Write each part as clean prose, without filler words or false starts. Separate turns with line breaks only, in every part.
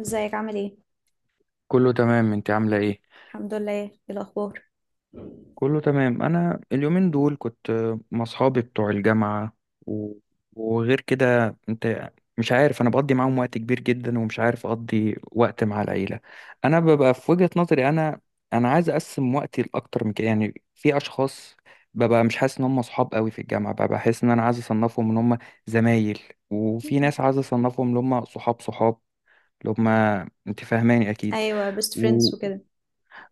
ازيك، عامل ايه؟
كله تمام. انت عاملة ايه؟
الحمد لله. ايه الاخبار؟
كله تمام. انا اليومين دول كنت مع اصحابي بتوع الجامعة و... وغير كده انت. مش عارف، انا بقضي معاهم وقت كبير جدا، ومش عارف اقضي وقت مع العيلة. انا ببقى في وجهة نظري انا عايز اقسم وقتي لاكتر من كده. يعني في اشخاص ببقى مش حاسس ان هم اصحاب قوي في الجامعة، ببقى بحس ان انا عايز اصنفهم ان هم زمايل. وفي ناس عايز اصنفهم ان هم صحاب صحاب، اللي هم، انت فاهماني اكيد.
ايوه، بيست فريندز وكده.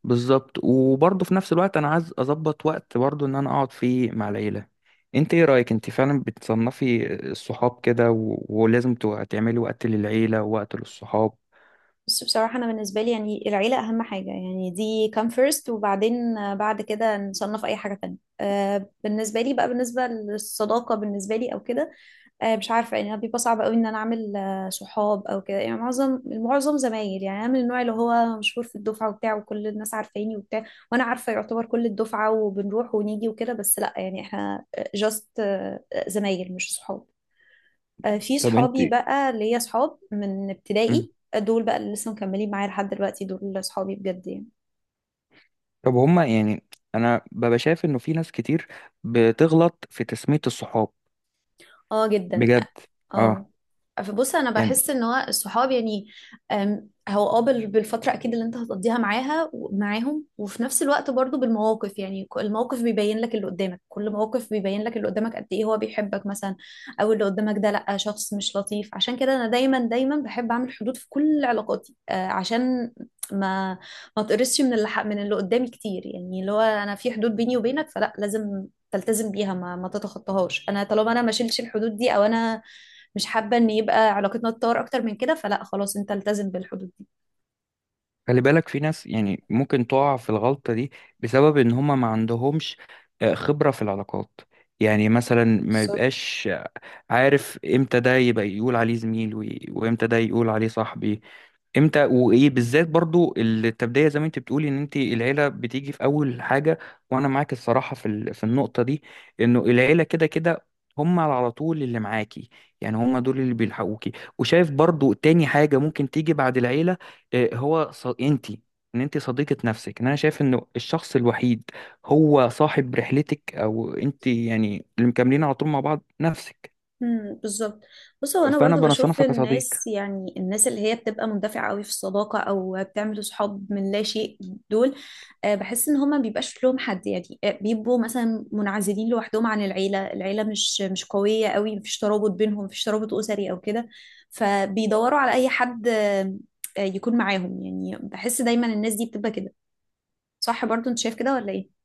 بالظبط. وبرضه في نفس الوقت انا عايز اظبط وقت برضه ان انا اقعد فيه مع العيله. انت ايه رايك؟ انت فعلا بتصنفي الصحاب كده، ولازم تعملي وقت للعيله ووقت للصحاب؟
بس بصراحة، أنا بالنسبة لي يعني العيلة أهم حاجة، يعني دي come first، وبعدين بعد كده نصنف أي حاجة تانية. بالنسبة لي بقى، بالنسبة للصداقة بالنسبة لي أو كده. مش عارفة، يعني بيبقى صعب أوي إن أنا أعمل صحاب أو كده، يعني معظم زمايل. يعني أنا من النوع اللي هو مشهور في الدفعة وبتاع، وكل الناس عارفاني وبتاع. وأنا عارفة يعتبر كل الدفعة، وبنروح ونيجي وكده، بس لأ، يعني إحنا just، زمايل مش صحاب. في
طب انت.
صحابي بقى، ليا صحاب من
مم.
ابتدائي، دول بقى اللي لسه مكملين معايا لحد دلوقتي، دول صحابي بجد يعني.
طب هما يعني، انا ببقى شايف انه في ناس كتير بتغلط في تسميه الصحاب.
اه، جدا.
بجد. اه.
اه. فبص، انا
يعني
بحس ان هو الصحاب يعني، هو بالفتره اكيد اللي انت هتقضيها معاهم، وفي نفس الوقت برضو بالمواقف يعني، الموقف بيبين لك اللي قدامك، كل موقف بيبين لك اللي قدامك قد ايه هو بيحبك مثلا، او اللي قدامك ده لا، شخص مش لطيف. عشان كده انا دايما دايما بحب اعمل حدود في كل علاقاتي، عشان ما ما تقرصش من اللي قدامي كتير، يعني اللي هو انا في حدود بيني وبينك، فلا لازم تلتزم بيها، ما تتخطاهاش. انا طالما انا ما شيلش الحدود دي، او انا مش حابه ان يبقى علاقتنا تتطور اكتر من كده، فلا خلاص، انت التزم بالحدود دي.
خلي بالك، في ناس يعني ممكن تقع في الغلطه دي بسبب ان هما ما عندهمش خبره في العلاقات. يعني مثلا ما
بالظبط.
يبقاش عارف امتى ده يبقى يقول عليه زميل، وامتى ده يقول عليه صاحبي. امتى وايه بالذات؟ برضو التبدية، زي ما انت بتقولي ان انت العيلة بتيجي في اول حاجة. وانا معاك الصراحة في في النقطة دي، انه العيلة كده كده هم على طول اللي معاكي. يعني هم دول اللي بيلحقوكي. وشايف برضو تاني حاجة ممكن تيجي بعد العيلة، انت. ان انت صديقة نفسك، ان انا شايف انه الشخص الوحيد هو صاحب رحلتك، او انت يعني اللي مكملين على طول مع بعض نفسك.
امم، بالظبط. بص، هو انا
فانا
برضو بشوف
بنصنفك كصديق.
الناس، يعني الناس اللي هي بتبقى مندفعه قوي في الصداقه، او بتعمل صحاب من لا شيء، دول بحس ان هما بيبقاش لهم حد يعني، بيبقوا مثلا منعزلين لوحدهم عن العيله. العيله مش قويه قوي، مفيش ترابط بينهم، مفيش ترابط اسري او كده، فبيدوروا على اي حد يكون معاهم يعني. بحس دايما الناس دي بتبقى كده. صح؟ برضو انت شايف كده ولا ايه؟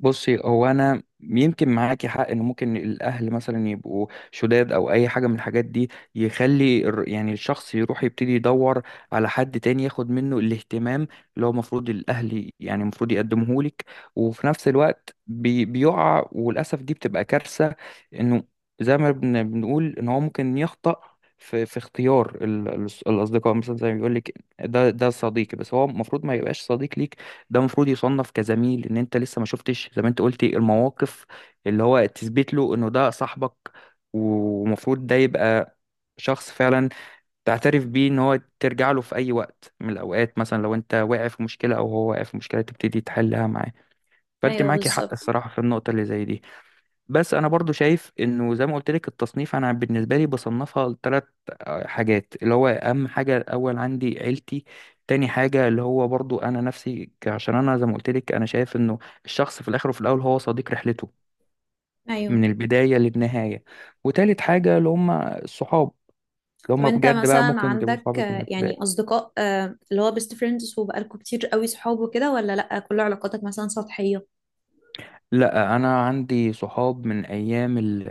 بصي، هو انا يمكن معاكي حق ان ممكن الاهل مثلا يبقوا شداد او اي حاجه من الحاجات دي، يخلي يعني الشخص يروح يبتدي يدور على حد تاني ياخد منه الاهتمام اللي هو المفروض الاهل، يعني المفروض يقدمه لك. وفي نفس الوقت بيقع، وللاسف دي بتبقى كارثه، انه زي ما بنقول ان هو ممكن يخطأ في اختيار الاصدقاء. مثلا زي ما بيقول لك ده صديقي، بس هو المفروض ما يبقاش صديق ليك. ده المفروض يصنف كزميل، ان انت لسه ما شفتش زي ما انت قلتي المواقف اللي هو تثبت له انه ده صاحبك. ومفروض ده يبقى شخص فعلا تعترف بيه ان هو ترجع له في اي وقت من الاوقات، مثلا لو انت واقع في مشكلة او هو واقع في مشكلة تبتدي تحلها معاه. فانت
ايوه،
معاكي حق
بالظبط.
الصراحة في النقطة اللي زي دي. بس انا برضو شايف انه زي ما قلت لك، التصنيف انا بالنسبه لي بصنفها لثلاث حاجات. اللي هو اهم حاجه الاول عندي عيلتي. تاني حاجه اللي هو برضو انا نفسي، عشان انا زي ما قلت لك، انا شايف انه الشخص في الاخر وفي الاول هو صديق رحلته
ايوه.
من البدايه للنهايه. وتالت حاجه اللي هم الصحاب، اللي
طب
هم
انت
بجد بقى
مثلا
ممكن تبقوا
عندك
صحابك من
يعني
البدايه.
اصدقاء، اللي هو بيست فريندز، وبقالكوا كتير قوي صحاب وكده، ولا لا، كل علاقاتك مثلا سطحية؟
لا، انا عندي صحاب من ايام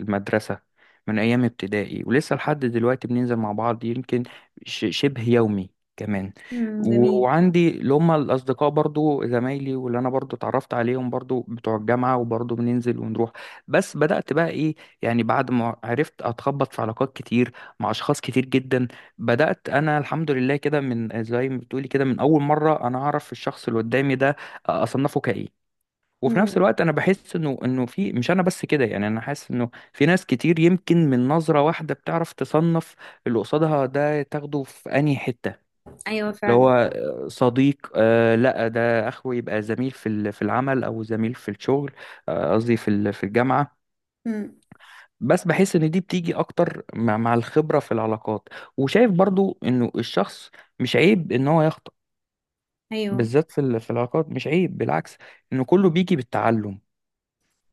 المدرسه، من ايام ابتدائي، ولسه لحد دلوقتي بننزل مع بعض يمكن شبه يومي كمان.
امم، جميل.
وعندي اللي هم الاصدقاء برضو زمايلي، واللي انا برضو اتعرفت عليهم برضو بتوع الجامعه، وبرضو بننزل ونروح. بس بدات بقى ايه؟ يعني بعد ما عرفت اتخبط في علاقات كتير مع اشخاص كتير جدا، بدات انا الحمد لله كده، من زي ما بتقولي كده، من اول مره انا اعرف الشخص اللي قدامي ده اصنفه كايه. وفي نفس
امم.
الوقت انا بحس انه في، مش انا بس كده. يعني انا حاسس انه في ناس كتير يمكن من نظرة واحدة بتعرف تصنف اللي قصادها ده تاخده في انهي حتة،
ايوه
اللي هو
فعلا.
صديق، لا ده اخوه يبقى زميل في في العمل او زميل في الشغل، قصدي في في الجامعة.
امم.
بس بحس ان دي بتيجي اكتر مع الخبرة في العلاقات. وشايف برضو انه الشخص مش عيب ان هو يخطأ،
ايوه،
بالذات في في العلاقات. مش عيب، بالعكس، انه كله بيجي بالتعلم.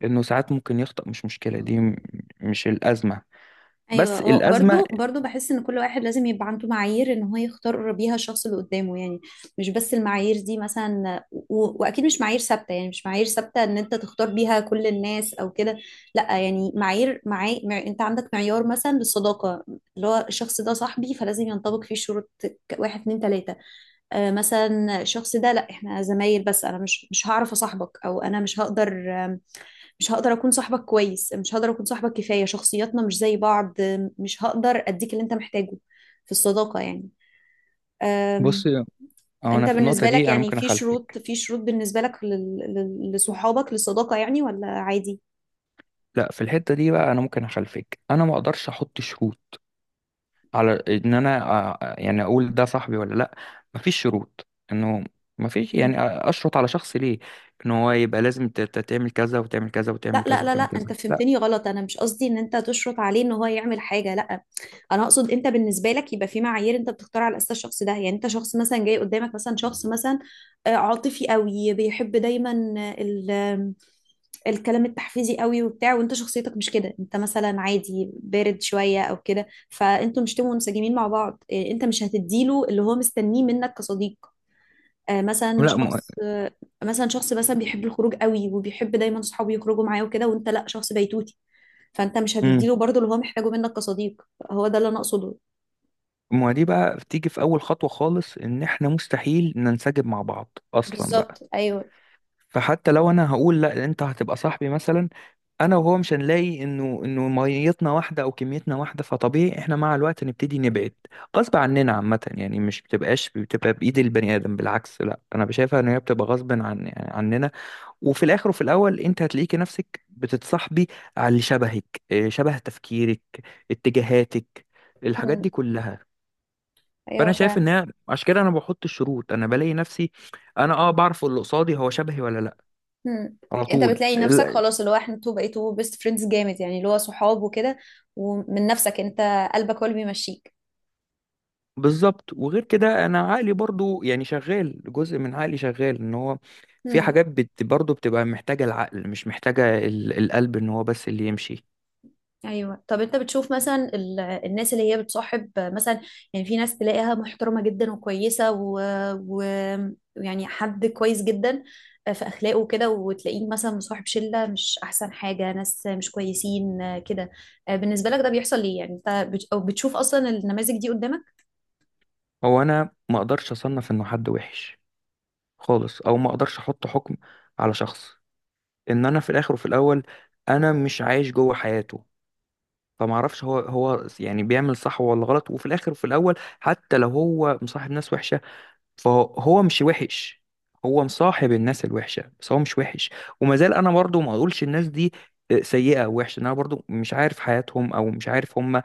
انه ساعات ممكن يخطأ، مش مشكلة. دي مش الأزمة.
ايوه،
بس
هو
الأزمة،
برضو بحس ان كل واحد لازم يبقى عنده معايير ان هو يختار بيها الشخص اللي قدامه يعني. مش بس المعايير دي مثلا، واكيد مش معايير ثابته، يعني مش معايير ثابته ان انت تختار بيها كل الناس او كده. لا يعني، انت عندك معيار مثلا للصداقه، اللي هو الشخص ده صاحبي، فلازم ينطبق فيه شروط، واحد، اتنين، تلاته. مثلا الشخص ده لا، احنا زمايل، بس انا مش هعرف اصاحبك، او انا مش هقدر، مش هقدر اكون صاحبك كويس، مش هقدر اكون صاحبك كفايه، شخصياتنا مش زي بعض، مش هقدر اديك اللي انت محتاجه في الصداقه يعني. أم،
بص، أو انا
انت
في النقطة
بالنسبه لك،
دي انا
يعني
ممكن
في شروط،
اخلفك.
في شروط بالنسبه لك لصحابك، للصداقه يعني، ولا عادي؟
لا، في الحتة دي بقى انا ممكن اخلفك. انا ما اقدرش احط شروط على ان انا يعني اقول ده صاحبي ولا لا. مفيش شروط انه، مفيش يعني
مم.
اشرط على شخص ليه ان هو يبقى لازم تعمل كذا، وتعمل كذا،
لا،
وتعمل
لا،
كذا،
لا، لا،
وتعمل كذا.
انت
لا.
فهمتني غلط، انا مش قصدي ان انت تشرط عليه ان هو يعمل حاجه، لا. انا اقصد انت بالنسبه لك يبقى في معايير انت بتختار على اساس الشخص ده، يعني انت شخص مثلا، جاي قدامك مثلا شخص مثلا عاطفي قوي، بيحب دايما الكلام التحفيزي قوي وبتاع، وانت شخصيتك مش كده، انت مثلا عادي، بارد شويه او كده، فانتوا مشتموا منسجمين مع بعض، انت مش هتديله اللي هو مستنيه منك كصديق. آه، مثلا
لا.
شخص آه، مثلا شخص مثلا بيحب الخروج قوي، وبيحب دايما صحابه يخرجوا معاه وكده، وانت لا، شخص بيتوتي، فانت مش
مم.
هتديله برضه اللي هو محتاجه منك كصديق. هو ده اللي انا اقصده.
ما دي بقى بتيجي في اول خطوة خالص، ان احنا مستحيل ننسجم مع بعض اصلا بقى.
بالظبط، ايوه.
فحتى لو انا هقول لا، انت هتبقى صاحبي مثلا، انا وهو مش هنلاقي انه ميتنا واحده او كميتنا واحده، فطبيعي احنا مع الوقت نبتدي نبعد غصب عننا. عامه يعني، مش بتبقى بايد البني ادم، بالعكس، لا انا بشايفها ان هي بتبقى غصب عن يعني عننا. وفي الاخر وفي الاول انت هتلاقيكي نفسك بتتصاحبي على اللي شبهك، شبه تفكيرك، اتجاهاتك، الحاجات دي
مم.
كلها. فانا
ايوه
شايف ان
فعلا.
هي عشان كده انا بحط الشروط، انا بلاقي نفسي، انا بعرف اللي قصادي هو شبهي ولا لا
مم.
على
انت
طول
بتلاقي نفسك خلاص اللي هو احنا انتوا بقيتوا بيست فريندز جامد، يعني اللي هو صحاب وكده، ومن نفسك انت، قلبك هو اللي بيمشيك.
بالظبط. وغير كده انا عقلي برضو يعني شغال، جزء من عقلي شغال ان هو في
مم.
حاجات برضو بتبقى محتاجة العقل، مش محتاجة القلب ان هو بس اللي يمشي.
ايوه. طب انت بتشوف مثلا الناس اللي هي بتصاحب مثلا، يعني في ناس تلاقيها محترمه جدا وكويسه و... يعني حد كويس جدا في اخلاقه وكده، وتلاقيه مثلا مصاحب شله مش احسن حاجه، ناس مش كويسين كده. بالنسبه لك ده بيحصل ليه؟ يعني انت بت... أو بتشوف اصلا النماذج دي قدامك؟
هو انا ما اقدرش اصنف انه حد وحش خالص، او ما اقدرش احط حكم على شخص، ان انا في الاخر وفي الاول انا مش عايش جوه حياته. فما اعرفش هو يعني بيعمل صح ولا غلط. وفي الاخر وفي الاول، حتى لو هو مصاحب ناس وحشة فهو مش وحش. هو مصاحب الناس الوحشة، بس هو مش وحش. وما زال أنا برضو ما أقولش الناس دي سيئة أو وحشة، إن أنا برضو مش عارف حياتهم أو مش عارف هما.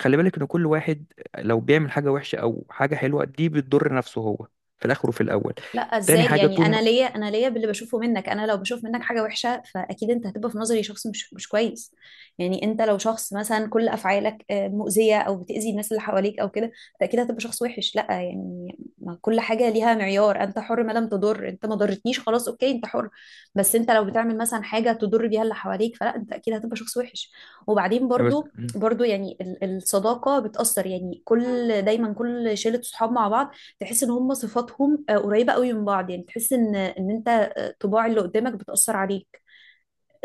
خلي بالك، إن كل واحد لو بيعمل حاجة وحشة أو حاجة حلوة دي بتضر نفسه هو في الآخر وفي الأول.
لا،
تاني
ازاي
حاجة
يعني؟
طول ما
انا ليا باللي بشوفه منك، انا لو بشوف منك حاجه وحشه فاكيد انت هتبقى في نظري شخص مش كويس. يعني انت لو شخص مثلا كل افعالك مؤذيه، او بتاذي الناس اللي حواليك او كده، فاكيد هتبقى شخص وحش. لا يعني، ما كل حاجه ليها معيار، انت حر ما لم تضر، انت ما ضرتنيش خلاص، اوكي، انت حر. بس انت لو بتعمل مثلا حاجه تضر بيها اللي حواليك، فلا، انت اكيد هتبقى شخص وحش. وبعدين
بس
برضو يعني الصداقه بتاثر، يعني دايما كل شله صحاب مع بعض، تحس ان هم صفاتهم قريبه قوي من بعض، يعني تحس ان انت طباع اللي قدامك بتاثر عليك.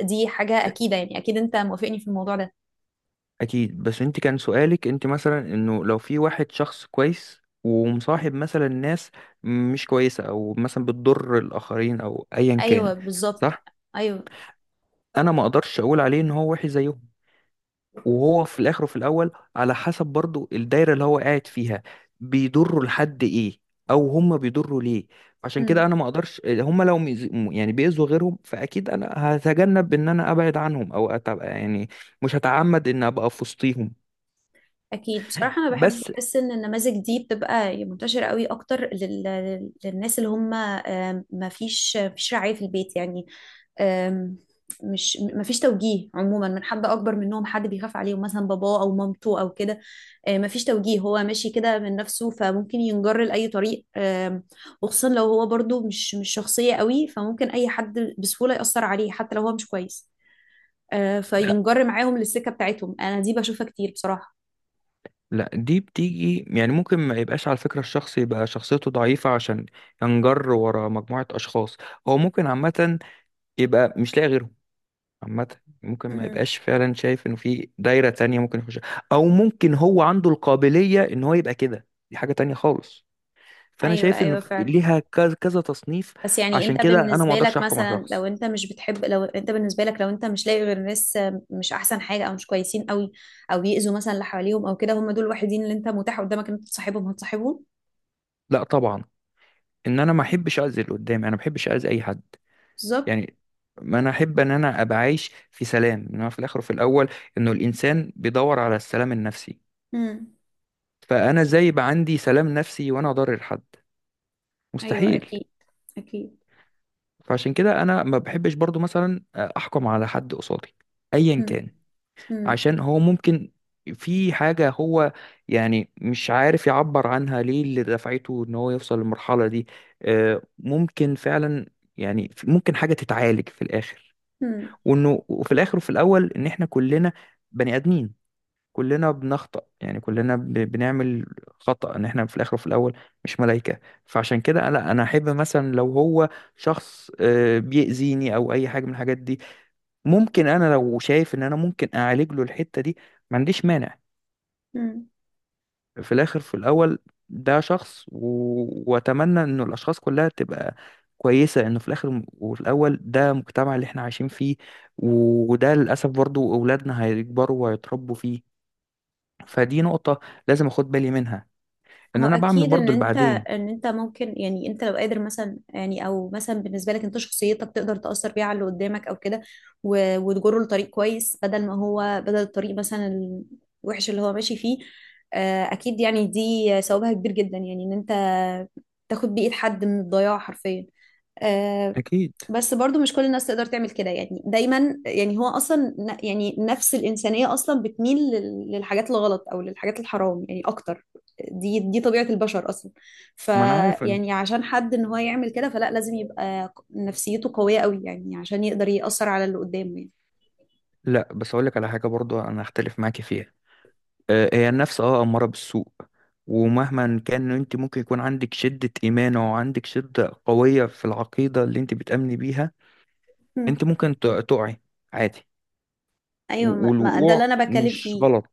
دي حاجه اكيده يعني، اكيد انت موافقني في الموضوع ده.
أكيد، بس أنت كان سؤالك أنت مثلا إنه لو في واحد شخص كويس ومصاحب مثلا ناس مش كويسة أو مثلا بتضر الآخرين أو أيا كان،
ايوه بالظبط.
صح؟
ايوه.
انا ما اقدرش اقول عليه ان هو وحش زيهم. وهو في الاخر وفي الاول، على حسب برضو الدايره اللي هو قاعد فيها بيضروا لحد ايه، او هم بيضروا ليه. عشان كده
مم.
انا ما اقدرش، هم لو يعني بيأذوا غيرهم، فاكيد انا هتجنب ان انا ابعد عنهم او أتبقى يعني مش هتعمد ان ابقى في وسطيهم.
اكيد. بصراحه انا بحب
بس
احس ان النماذج دي بتبقى منتشره قوي اكتر للناس اللي هم ما فيش رعايه في البيت يعني. آم، مش ما فيش توجيه عموما من حد اكبر منهم، حد بيخاف عليهم مثلا، باباه او مامته او كده. ما فيش توجيه، هو ماشي كده من نفسه، فممكن ينجر لاي طريق. وخصوصا لو هو برضو مش شخصيه قوي، فممكن اي حد بسهوله ياثر عليه، حتى لو هو مش كويس.
لا،
فينجر معاهم للسكه بتاعتهم. انا دي بشوفها كتير بصراحه.
لا دي بتيجي يعني، ممكن ما يبقاش على فكرة الشخص يبقى شخصيته ضعيفة عشان ينجر ورا مجموعة أشخاص. هو ممكن عامة يبقى مش لاقي غيرهم عامة. ممكن ما يبقاش فعلا شايف انه في دايرة تانية ممكن يخش، او ممكن هو عنده القابلية ان هو يبقى كده، دي حاجة تانية خالص. فانا
ايوه،
شايف انه
ايوه، فعلا.
ليها كذا كذا تصنيف.
بس يعني
عشان
انت
كده انا ما
بالنسبه
اقدرش
لك
احكم على
مثلا، لو
شخص.
انت مش بتحب لو انت بالنسبه لك لو انت مش لاقي غير ناس مش احسن حاجه، او مش كويسين قوي، او يأذوا مثلا اللي حواليهم او كده، هم دول الوحيدين اللي انت متاح قدامك ان انت تصاحبهم، هتصاحبهم؟
لا طبعا، ان انا ما احبش اذي اللي قدامي، انا ما بحبش اذي اي حد.
بالظبط.
يعني ما انا احب ان انا ابقى عايش في سلام. ان هو في الاخر وفي الاول انه الانسان بيدور على السلام النفسي.
امم.
فانا ازاي يبقى عندي سلام نفسي وانا اضرر حد؟
ايوه،
مستحيل.
اكيد، اكيد.
فعشان كده انا ما بحبش برضو مثلا احكم على حد قصادي ايا
امم.
كان، عشان هو ممكن في حاجة هو يعني مش عارف يعبر عنها، ليه اللي دفعته ان هو يوصل للمرحلة دي. ممكن فعلا يعني ممكن حاجة تتعالج في الاخر.
امم.
وانه، وفي الاخر وفي الاول، ان احنا كلنا بني ادمين. كلنا بنخطأ، يعني كلنا بنعمل خطأ، ان احنا في الاخر وفي الاول مش ملائكة. فعشان كده لا، انا احب مثلا لو هو شخص بيأذيني او اي حاجة من الحاجات دي، ممكن انا لو شايف ان انا ممكن اعالج له الحتة دي، ما عنديش مانع.
امم.
في الاخر في الاول ده شخص، واتمنى انه الاشخاص كلها تبقى كويسة، انه في الاخر وفي الاول ده المجتمع اللي احنا عايشين فيه، وده للاسف برضو اولادنا هيكبروا وهيتربوا فيه. فدي نقطة لازم اخد بالي منها، ان
هو
انا بعمل
اكيد ان
برضو اللي
انت
بعدين.
ممكن يعني انت لو قادر مثلا، يعني او مثلا بالنسبه لك، انت شخصيتك تقدر تاثر بيها على اللي قدامك او كده، وتجره لطريق كويس، بدل ما هو بدل الطريق مثلا الوحش اللي هو ماشي فيه. اكيد، يعني دي ثوابها كبير جدا، يعني ان انت تاخد بايد حد من الضياع حرفيا. آه،
اكيد.
بس برضو مش كل الناس تقدر تعمل كده يعني، دايما يعني هو اصلا يعني نفس الانسانيه اصلا بتميل للحاجات الغلط، او للحاجات الحرام يعني اكتر. دي طبيعة البشر أصلا.
ما انا عارف ان،
فيعني عشان حد إن هو يعمل كده، فلا، لازم يبقى نفسيته قوية قوي، يعني عشان يقدر يأثر على اللي قدامه يعني.
لا بس اقول لك على حاجه، برضو انا هختلف معاكي فيها. هي النفس اماره بالسوء، ومهما كان انت ممكن يكون عندك شده ايمان او عندك شده قويه في العقيده اللي انت بتامني بيها،
مم.
انت ممكن تقعي عادي.
أيوة، ما ده اللي
والوقوع
أنا بتكلم
مش
فيه.
غلط.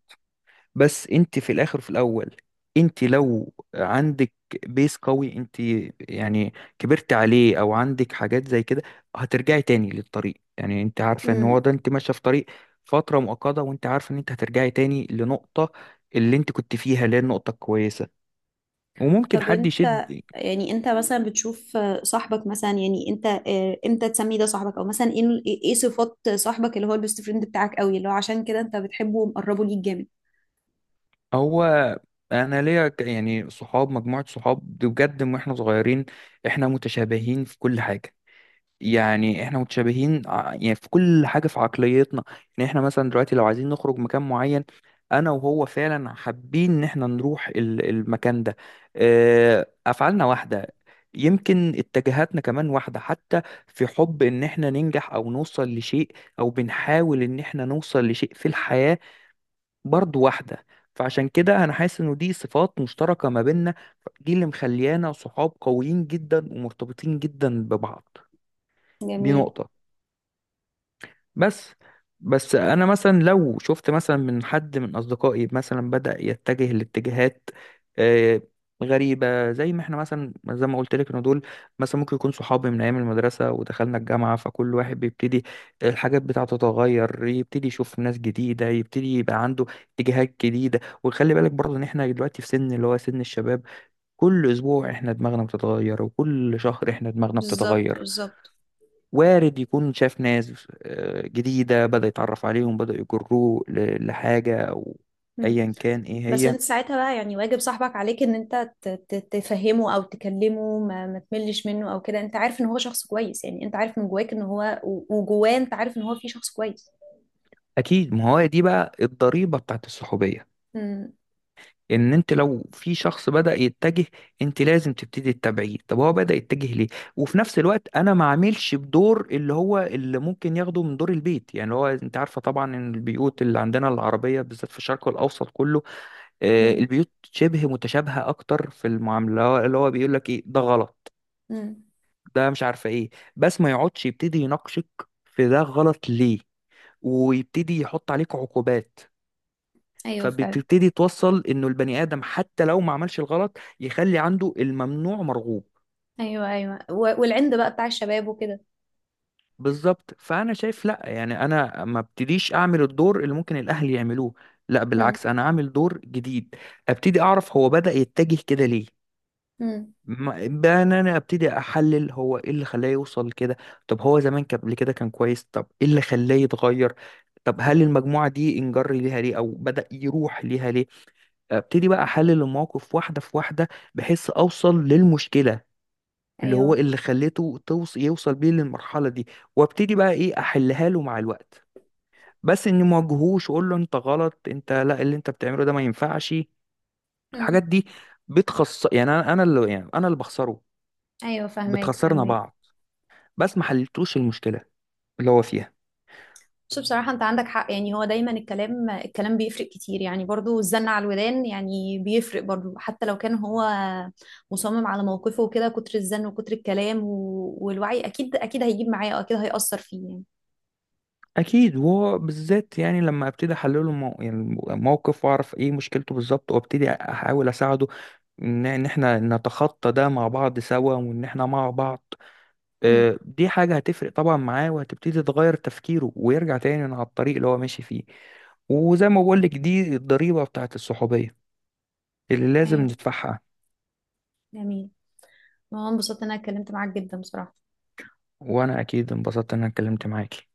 بس انت في الاخر وفي الاول، انت لو عندك بيس قوي، انت يعني كبرت عليه او عندك حاجات زي كده، هترجعي تاني للطريق. يعني انت عارفه ان هو
مم.
ده، انت ماشيه في طريق فتره مؤقته، وانت عارفه ان انت هترجعي تاني لنقطه اللي انت كنت فيها اللي هي النقطه الكويسه، وممكن
طب
حد
انت
يشد.
يعني انت مثلا بتشوف صاحبك مثلا، يعني انت امتى تسمي ده صاحبك، او مثلا ايه صفات صاحبك اللي هو البيست فريند بتاعك قوي، اللي هو عشان كده انت بتحبه ومقربه ليك جامد؟
هو انا ليا يعني صحاب، مجموعه صحاب دي بجد، من واحنا صغيرين احنا متشابهين في كل حاجه. يعني احنا متشابهين يعني في كل حاجة، في عقليتنا. يعني احنا مثلا دلوقتي لو عايزين نخرج مكان معين، انا وهو فعلا حابين ان احنا نروح المكان ده. افعالنا واحدة، يمكن اتجاهاتنا كمان واحدة، حتى في حب ان احنا ننجح او نوصل لشيء. او بنحاول ان احنا نوصل لشيء في الحياة، برضو واحدة. فعشان كده انا حاسس انه دي صفات مشتركة ما بيننا، دي اللي مخليانا صحاب قويين جدا ومرتبطين جدا ببعض. دي
جميل.
نقطة. بس، بس انا مثلا لو شفت مثلا من حد من اصدقائي مثلا بدأ يتجه لاتجاهات آه، غريبة، زي ما احنا مثلا، زي ما قلت لك، ان دول مثلا ممكن يكون صحابي من ايام المدرسة، ودخلنا الجامعة فكل واحد بيبتدي الحاجات بتاعته تتغير، يبتدي يشوف ناس جديدة، يبتدي يبقى عنده اتجاهات جديدة. وخلي بالك برضه ان احنا دلوقتي في سن اللي هو سن الشباب. كل اسبوع احنا دماغنا بتتغير، وكل شهر احنا دماغنا
بالظبط،
بتتغير.
بالظبط.
وارد يكون شاف ناس جديدة، بدأ يتعرف عليهم، بدأ يجروه لحاجة أو
مم.
أيا كان إيه
بس
هي.
انت ساعتها بقى يعني واجب صاحبك عليك ان انت تفهمه او تكلمه، ما تملش منه او كده، انت عارف ان هو شخص كويس يعني، انت عارف من جواك ان هو وجواه، انت عارف ان هو في شخص كويس.
أكيد، ما هو دي بقى الضريبة بتاعت الصحوبية.
امم.
إن أنت لو في شخص بدأ يتجه، أنت لازم تبتدي تتابعيه، طب هو بدأ يتجه ليه. وفي نفس الوقت أنا ما عاملش بدور اللي هو اللي ممكن ياخده من دور البيت، يعني اللي هو أنت عارفة طبعا إن البيوت اللي عندنا العربية بالذات في الشرق الأوسط كله البيوت شبه متشابهة أكتر في المعاملة، اللي هو بيقول لك إيه ده غلط،
امم.
ده مش عارفه ايه، بس ما يقعدش يبتدي يناقشك في ده غلط ليه، ويبتدي يحط عليك عقوبات.
ايوه فعلا.
فبتبتدي توصل انه البني ادم حتى لو ما عملش الغلط يخلي عنده الممنوع مرغوب.
ايوه، ايوه، والعند بقى بتاع الشباب وكده.
بالظبط. فانا شايف لا، يعني انا ما ابتديش اعمل الدور اللي ممكن الاهل يعملوه، لا
مم.
بالعكس، انا اعمل دور جديد. ابتدي اعرف هو بدأ يتجه كده ليه،
مم.
بقى ان انا ابتدي احلل هو ايه اللي خلاه يوصل كده. طب هو زمان كان قبل كده كان كويس، طب ايه اللي خلاه يتغير؟ طب هل المجموعة دي انجر ليها ليه او بدأ يروح ليها ليه؟ ابتدي بقى احلل المواقف واحدة في واحدة، بحيث اوصل للمشكلة اللي هو
ايوه.
اللي خليته يوصل بيه للمرحلة دي. وابتدي بقى ايه، احلها له مع الوقت. بس اني ما اواجهوش واقول له انت غلط، انت لا، اللي انت بتعمله ده ما ينفعش.
مم.
الحاجات دي بتخص، يعني انا اللي، يعني انا اللي بخسره،
ايوه، فاهمك،
بتخسرنا
فاهمك.
بعض، بس ما حلتوش المشكله اللي هو فيها.
بس بصراحه انت عندك حق، يعني هو دايما الكلام الكلام بيفرق كتير، يعني برضو الزن على الودان يعني بيفرق برضو، حتى لو كان هو مصمم على موقفه وكده، كتر الزن وكتر الكلام والوعي اكيد اكيد هيجيب معاه، واكيد هيأثر فيه يعني.
اكيد، وهو بالذات يعني لما ابتدي احلله يعني موقف، واعرف ايه مشكلته بالظبط، وابتدي احاول اساعده ان احنا نتخطى ده مع بعض سوا، وان احنا مع بعض،
مم.
دي حاجه هتفرق طبعا معاه، وهتبتدي تغير تفكيره، ويرجع تاني على الطريق اللي هو ماشي فيه. وزي ما بقول لك، دي الضريبه بتاعت الصحوبيه اللي لازم
ايوه.
ندفعها.
جميل. وانا انبسطت ان انا اتكلمت معاك جدا بصراحه.
وانا اكيد انبسطت ان انا اتكلمت معاكي.